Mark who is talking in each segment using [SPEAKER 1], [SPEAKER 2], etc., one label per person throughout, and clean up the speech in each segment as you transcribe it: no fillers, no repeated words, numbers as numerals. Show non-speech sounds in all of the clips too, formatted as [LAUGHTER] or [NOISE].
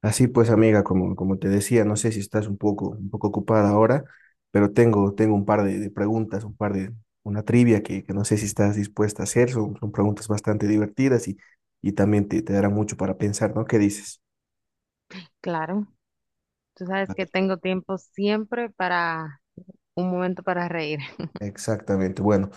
[SPEAKER 1] Así pues, amiga, como te decía, no sé si estás un poco ocupada ahora, pero tengo un par de preguntas, una trivia que no sé si estás dispuesta a hacer. Son preguntas bastante divertidas y también te darán mucho para pensar, ¿no? ¿Qué dices?
[SPEAKER 2] Claro, tú sabes
[SPEAKER 1] A
[SPEAKER 2] que
[SPEAKER 1] ver.
[SPEAKER 2] tengo tiempo siempre para un momento para reír.
[SPEAKER 1] Exactamente. Bueno,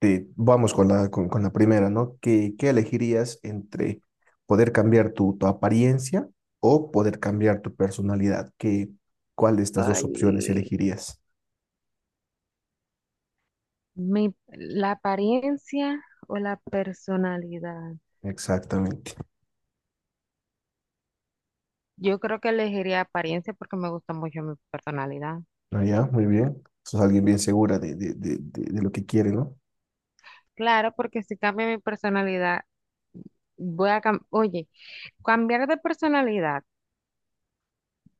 [SPEAKER 1] vamos con la primera, ¿no? ¿Qué elegirías entre poder cambiar tu apariencia o poder cambiar tu personalidad? ¿Cuál de
[SPEAKER 2] [LAUGHS]
[SPEAKER 1] estas dos opciones
[SPEAKER 2] Ay,
[SPEAKER 1] elegirías?
[SPEAKER 2] la apariencia o la personalidad.
[SPEAKER 1] Exactamente.
[SPEAKER 2] Yo creo que elegiría apariencia porque me gusta mucho mi personalidad.
[SPEAKER 1] Ah, ya, muy bien. Sos alguien bien segura de lo que quiere, ¿no?
[SPEAKER 2] Claro, porque si cambia mi personalidad, Oye, cambiar de personalidad.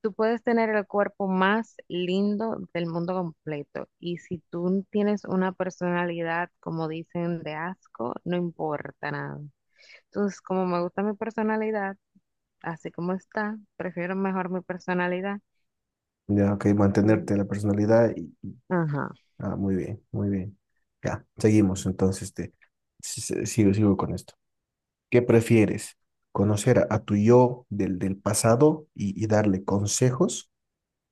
[SPEAKER 2] Tú puedes tener el cuerpo más lindo del mundo completo y si tú tienes una personalidad, como dicen, de asco, no importa nada. Entonces, como me gusta mi personalidad, así como está, prefiero mejor mi personalidad.
[SPEAKER 1] Ya, ok,
[SPEAKER 2] Y,
[SPEAKER 1] mantenerte la personalidad y.
[SPEAKER 2] ajá.
[SPEAKER 1] Ah, muy bien, muy bien. Ya, seguimos entonces. Te, si- si- sigo, sigo con esto. ¿Qué prefieres? ¿Conocer a tu yo del pasado y darle consejos?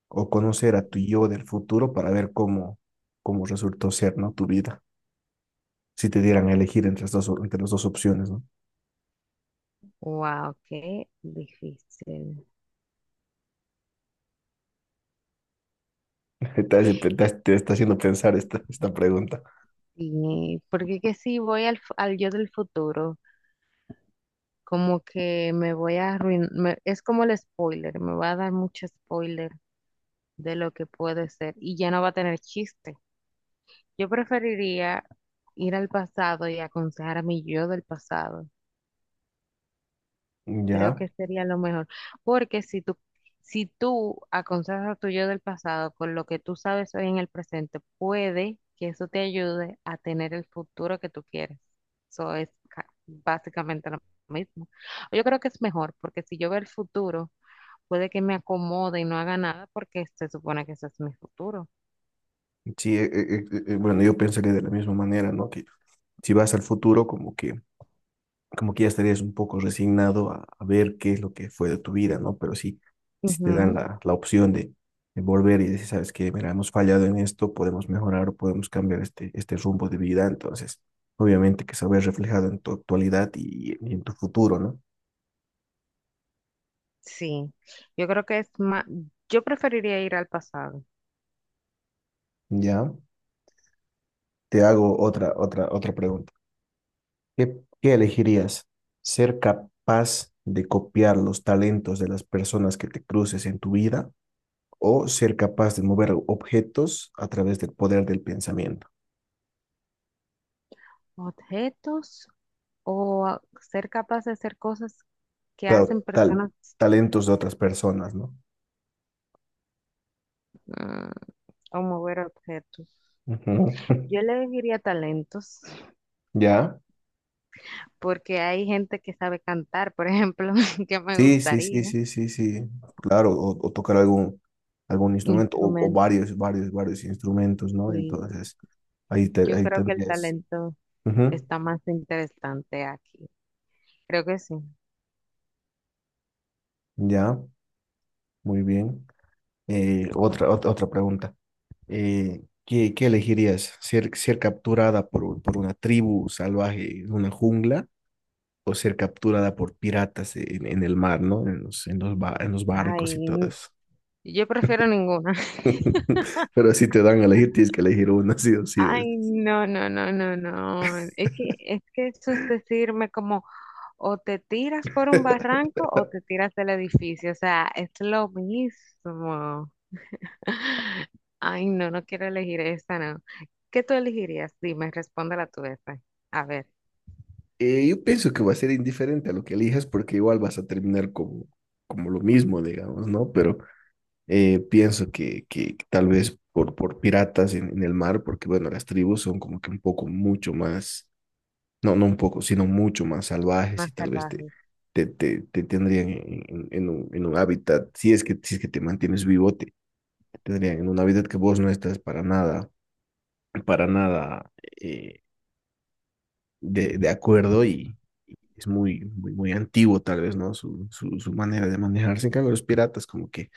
[SPEAKER 1] ¿O conocer a tu yo del futuro para ver cómo resultó ser, ¿no? Tu vida. Si te dieran a elegir entre las dos opciones, ¿no?
[SPEAKER 2] Wow, qué difícil.
[SPEAKER 1] [LAUGHS] Te está haciendo pensar esta pregunta.
[SPEAKER 2] Y porque que si voy al yo del futuro, como que me voy a arruinar, es como el spoiler, me va a dar mucho spoiler de lo que puede ser y ya no va a tener chiste. Yo preferiría ir al pasado y aconsejar a mi yo del pasado. Creo
[SPEAKER 1] Ya.
[SPEAKER 2] que sería lo mejor, porque si tú aconsejas a tu yo del pasado con lo que tú sabes hoy en el presente, puede que eso te ayude a tener el futuro que tú quieres. Básicamente lo mismo. Yo creo que es mejor, porque si yo veo el futuro, puede que me acomode y no haga nada, porque se supone que ese es mi futuro.
[SPEAKER 1] Sí, bueno, yo pensaría de la misma manera, ¿no? Que si vas al futuro, como que ya estarías un poco resignado a ver qué es lo que fue de tu vida, ¿no? Pero sí, si te dan
[SPEAKER 2] Ujú.
[SPEAKER 1] la opción de volver y decir, sabes que, mira, hemos fallado en esto, podemos mejorar o podemos cambiar este rumbo de vida, entonces, obviamente que se ve reflejado en tu actualidad y en tu futuro, ¿no?
[SPEAKER 2] Sí, yo creo que es más, yo preferiría ir al pasado.
[SPEAKER 1] Ya, te hago otra pregunta. ¿Qué elegirías? ¿Ser capaz de copiar los talentos de las personas que te cruces en tu vida o ser capaz de mover objetos a través del poder del pensamiento?
[SPEAKER 2] Objetos. Ser capaz de hacer cosas que
[SPEAKER 1] Claro,
[SPEAKER 2] hacen personas,
[SPEAKER 1] talentos de otras personas, ¿no?
[SPEAKER 2] mm, o mover objetos.
[SPEAKER 1] Ujú. [LAUGHS]
[SPEAKER 2] Yo le diría talentos,
[SPEAKER 1] ¿Ya?
[SPEAKER 2] porque hay gente que sabe cantar, por ejemplo, [LAUGHS] que me
[SPEAKER 1] Sí, sí, sí,
[SPEAKER 2] gustaría.
[SPEAKER 1] sí, sí, sí. Claro, o tocar algún instrumento o
[SPEAKER 2] Instrumentos,
[SPEAKER 1] varios instrumentos, ¿no?
[SPEAKER 2] y
[SPEAKER 1] Entonces, ahí, te,
[SPEAKER 2] yo
[SPEAKER 1] ahí
[SPEAKER 2] creo que el
[SPEAKER 1] tendrías.
[SPEAKER 2] talento
[SPEAKER 1] Ujú.
[SPEAKER 2] está más interesante aquí. Creo que sí.
[SPEAKER 1] ¿Ya? Muy bien. Otra pregunta. ¿Qué elegirías? ¿Ser capturada por una tribu salvaje en una jungla o ser capturada por piratas en el mar, ¿no? En los barcos y
[SPEAKER 2] Ay,
[SPEAKER 1] todo
[SPEAKER 2] n-
[SPEAKER 1] eso.
[SPEAKER 2] yo prefiero ninguna. [LAUGHS]
[SPEAKER 1] [LAUGHS] Pero si te dan a elegir, tienes que elegir una, sí o sí.
[SPEAKER 2] Ay, no, no, no, no, no. Es que eso es decirme como o te tiras por un
[SPEAKER 1] [LAUGHS]
[SPEAKER 2] barranco o te tiras del edificio. O sea, es lo mismo. [LAUGHS] Ay, no, no quiero elegir esta, no. ¿Qué tú elegirías? Dime, respóndela tú esta. A ver,
[SPEAKER 1] Yo pienso que va a ser indiferente a lo que elijas porque igual vas a terminar como lo mismo, digamos, ¿no? Pero pienso que tal vez por piratas en el mar, porque bueno, las tribus son como que un poco mucho más, no, no un poco, sino mucho más salvajes
[SPEAKER 2] más
[SPEAKER 1] y tal vez te,
[SPEAKER 2] salvaje.
[SPEAKER 1] te, te, te tendrían en un hábitat, si es que te mantienes vivo, te tendrían en un hábitat que vos no estás para nada eh, de acuerdo y es muy, muy, muy antiguo tal vez, ¿no? Su manera de manejarse. En cambio, los piratas como que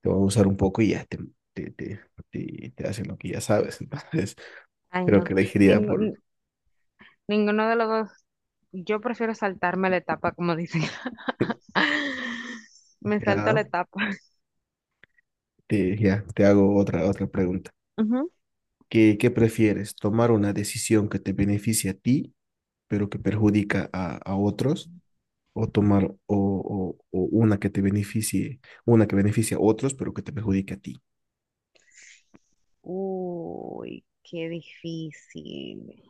[SPEAKER 1] te van a usar un poco y ya te, te, te hacen lo que ya sabes. [LAUGHS] Entonces,
[SPEAKER 2] Ay,
[SPEAKER 1] creo
[SPEAKER 2] no.
[SPEAKER 1] que elegiría por.
[SPEAKER 2] Ningún- ninguno de los dos. Yo prefiero saltarme la etapa, como dicen.
[SPEAKER 1] [LAUGHS]
[SPEAKER 2] [LAUGHS] Me salto la
[SPEAKER 1] Ya,
[SPEAKER 2] etapa.
[SPEAKER 1] ya, te hago otra pregunta.
[SPEAKER 2] Ujú.
[SPEAKER 1] ¿Qué prefieres? ¿Tomar una decisión que te beneficie a ti, pero que perjudica a otros? ¿O tomar o una que te beneficie, una que beneficie a otros, pero que te perjudique a ti?
[SPEAKER 2] Uy, qué difícil.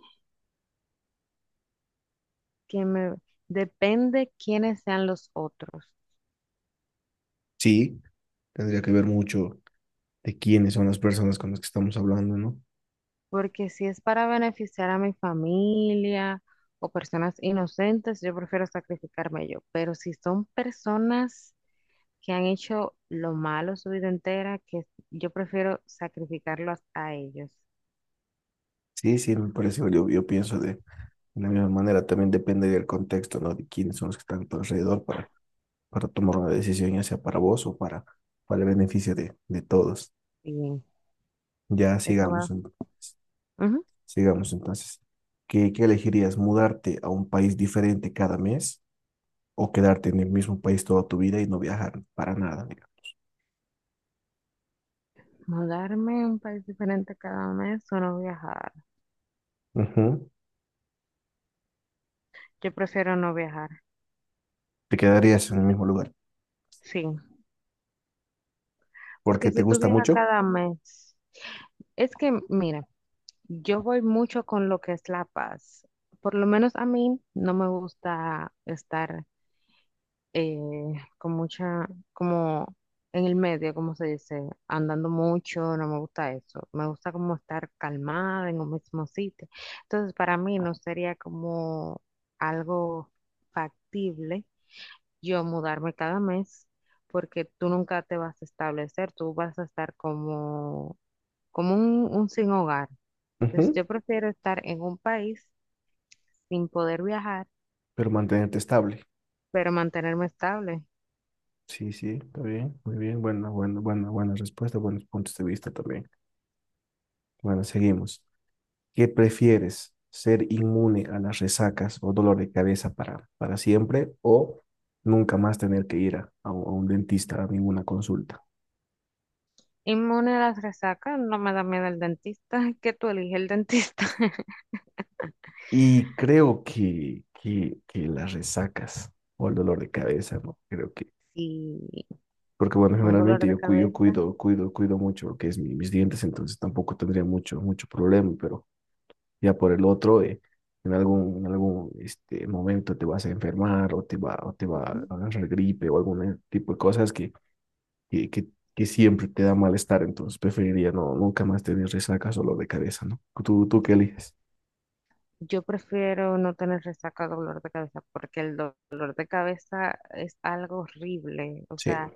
[SPEAKER 2] Que me depende quiénes sean los otros.
[SPEAKER 1] Sí, tendría que ver mucho de quiénes son las personas con las que estamos hablando, ¿no?
[SPEAKER 2] Porque si es para beneficiar a mi familia o personas inocentes, yo prefiero sacrificarme yo. Pero si son personas que han hecho lo malo su vida entera, que yo prefiero sacrificarlos a ellos.
[SPEAKER 1] Sí, sí, me parece, yo pienso de la misma manera, también depende del contexto, ¿no? De quiénes son los que están a tu alrededor para tomar una decisión, ya sea para vos o para el beneficio de todos.
[SPEAKER 2] Bien,
[SPEAKER 1] Ya,
[SPEAKER 2] eso
[SPEAKER 1] sigamos
[SPEAKER 2] va.
[SPEAKER 1] entonces.
[SPEAKER 2] Ujú.
[SPEAKER 1] Sigamos entonces. ¿Qué elegirías? ¿Mudarte a un país diferente cada mes o quedarte en el mismo país toda tu vida y no viajar para nada, digamos?
[SPEAKER 2] Mudarme a un país diferente cada mes o no viajar.
[SPEAKER 1] Ujú.
[SPEAKER 2] Yo prefiero no viajar.
[SPEAKER 1] Te quedarías en el mismo lugar
[SPEAKER 2] Sí,
[SPEAKER 1] porque
[SPEAKER 2] porque
[SPEAKER 1] te
[SPEAKER 2] si tú
[SPEAKER 1] gusta
[SPEAKER 2] viajas
[SPEAKER 1] mucho.
[SPEAKER 2] cada mes, es que, mira. Yo voy mucho con lo que es la paz. Por lo menos a mí no me gusta estar eh, con mucha, como en el medio, como se dice, andando mucho, no me gusta eso. Me gusta como estar calmada en un mismo sitio. Entonces, para mí no sería como algo factible yo mudarme cada mes, porque tú nunca te vas a establecer, tú vas a estar como, como un sin hogar. Entonces
[SPEAKER 1] Ujú.
[SPEAKER 2] yo prefiero estar en un país sin poder viajar,
[SPEAKER 1] Pero mantenerte estable.
[SPEAKER 2] pero mantenerme estable.
[SPEAKER 1] Sí, sí, está bien, muy bien. Buena, buena, buena, buena respuesta, buenos puntos de vista también. Bueno, seguimos. ¿Qué prefieres? ¿Ser inmune a las resacas o dolor de cabeza para siempre o nunca más tener que ir a un a un dentista a ninguna consulta?
[SPEAKER 2] Inmune a las resacas, no me da miedo el dentista, [LAUGHS] que tú eliges el dentista. [LAUGHS]
[SPEAKER 1] Y creo que las resacas o el dolor de cabeza, ¿no?
[SPEAKER 2] Y
[SPEAKER 1] Porque bueno,
[SPEAKER 2] un dolor
[SPEAKER 1] generalmente
[SPEAKER 2] de
[SPEAKER 1] yo
[SPEAKER 2] cabeza,
[SPEAKER 1] cuido mucho lo que es mis dientes, entonces tampoco tendría mucho problema, pero ya por el otro, en algún este, momento te vas a enfermar o te va a
[SPEAKER 2] ¿no?
[SPEAKER 1] agarrar gripe o algún tipo de cosas que, que, que siempre te da malestar, entonces preferiría no, nunca más tener resacas o dolor de cabeza, ¿no? ¿Tú qué eliges?
[SPEAKER 2] Yo prefiero no tener resaca o dolor de cabeza, porque dolor de cabeza es algo horrible. O
[SPEAKER 1] Sí,
[SPEAKER 2] sea,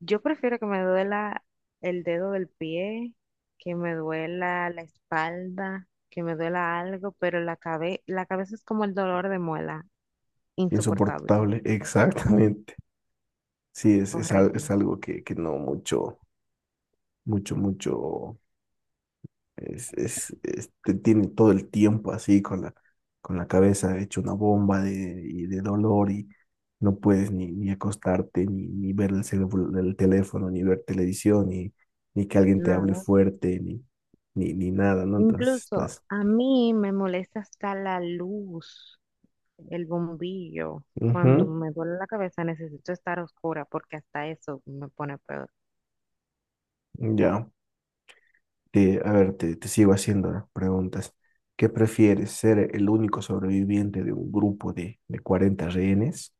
[SPEAKER 2] yo prefiero que me duela el dedo del pie, que me duela la espalda, que me duela algo, pero la cabeza es como el dolor de muela. Insoportable,
[SPEAKER 1] insoportable, [LAUGHS] exactamente. Sí, es
[SPEAKER 2] horrible,
[SPEAKER 1] algo que no mucho, te tiene todo el tiempo así con la cabeza hecha una bomba y de dolor y no puedes ni acostarte, ni ver el teléfono, ni ver televisión, ni que alguien te hable
[SPEAKER 2] nada.
[SPEAKER 1] fuerte, ni nada, ¿no? Entonces
[SPEAKER 2] Incluso
[SPEAKER 1] estás.
[SPEAKER 2] a mí me molesta hasta la luz, el bombillo. Cuando
[SPEAKER 1] Ujú.
[SPEAKER 2] me duele la cabeza necesito estar oscura porque hasta eso me pone peor.
[SPEAKER 1] Ya. A ver, te sigo haciendo las preguntas. ¿Qué prefieres, ser el único sobreviviente de un grupo de 40 rehenes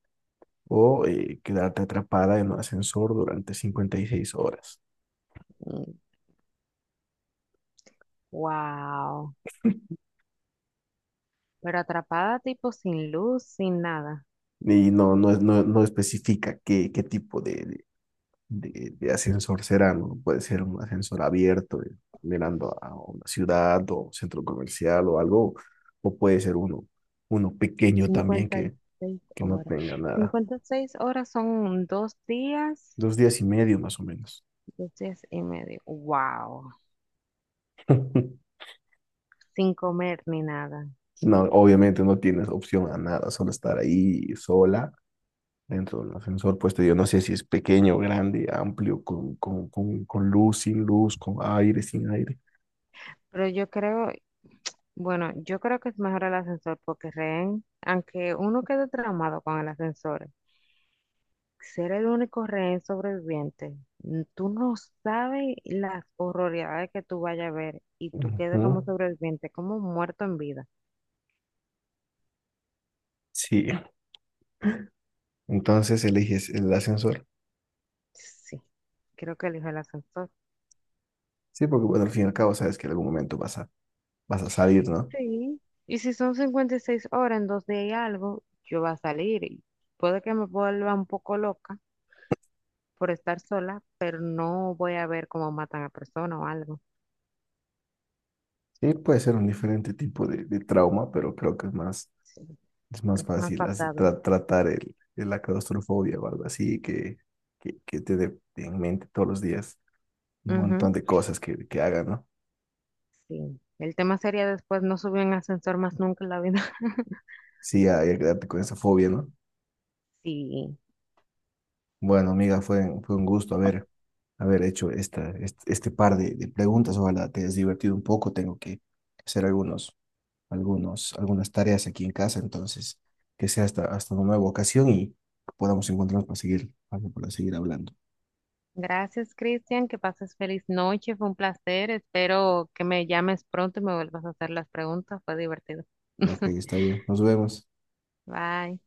[SPEAKER 1] o quedarte atrapada en un ascensor durante 56 horas?
[SPEAKER 2] Mm. Wow. Pero atrapada tipo sin luz, sin nada.
[SPEAKER 1] Y no especifica qué tipo de ascensor será, ¿no? Puede ser un ascensor abierto, mirando a una ciudad o centro comercial o algo, o puede ser uno pequeño también
[SPEAKER 2] cincuenta y
[SPEAKER 1] que,
[SPEAKER 2] seis
[SPEAKER 1] que no
[SPEAKER 2] horas.
[SPEAKER 1] tenga nada.
[SPEAKER 2] 56 horas son
[SPEAKER 1] 2 días y medio más o menos.
[SPEAKER 2] dos días y medio. Wow.
[SPEAKER 1] [LAUGHS]
[SPEAKER 2] Sin comer ni nada.
[SPEAKER 1] No, obviamente no tienes opción a nada, solo estar ahí sola dentro del ascensor puesto. Yo no sé si es pequeño, grande, amplio, con luz, sin luz, con aire, sin aire.
[SPEAKER 2] Pero yo creo, Bueno, yo creo que es mejor el ascensor porque rehén, aunque uno quede traumado con el ascensor, ser el único rehén sobreviviente, mm, tú no sabes las horroridades que tú vayas a ver y tú
[SPEAKER 1] Ujú.
[SPEAKER 2] quedes como sobreviviente, como muerto en vida.
[SPEAKER 1] Sí, entonces eliges el ascensor.
[SPEAKER 2] Sí, creo que elijo el ascensor.
[SPEAKER 1] Sí, porque bueno, al fin y al cabo sabes que en algún momento vas a salir, ¿no?
[SPEAKER 2] Sí. Y si son 56 horas en dos días y algo, yo voy a salir y puede que me vuelva un poco loca por estar sola, pero no voy a ver cómo matan a personas o algo.
[SPEAKER 1] Sí, puede ser un diferente tipo de trauma, pero creo que es más,
[SPEAKER 2] Sí,
[SPEAKER 1] es más
[SPEAKER 2] es más
[SPEAKER 1] fácil hace-
[SPEAKER 2] pasable.
[SPEAKER 1] tra- tratar el, la claustrofobia o algo así que te dé en mente todos los días. Un
[SPEAKER 2] Ujú.
[SPEAKER 1] montón de cosas que hagan, ¿no?
[SPEAKER 2] Sí, el tema sería después no subir en ascensor más nunca en la vida. [LAUGHS]
[SPEAKER 1] Sí, hay que quedarte con esa fobia, ¿no?
[SPEAKER 2] Sí,
[SPEAKER 1] Bueno, amiga, fue un gusto haber hecho este par de preguntas. Ojalá te hayas divertido un poco. Tengo que hacer algunas tareas aquí en casa, entonces que sea hasta una nueva ocasión y podamos encontrarnos para seguir hablando.
[SPEAKER 2] gracias Cristian, que pases feliz noche, fue un placer, espero que me llames pronto y me vuelvas a hacer las preguntas, fue divertido.
[SPEAKER 1] ¿No? Ok,
[SPEAKER 2] [LAUGHS]
[SPEAKER 1] está bien. Nos vemos.
[SPEAKER 2] Bye.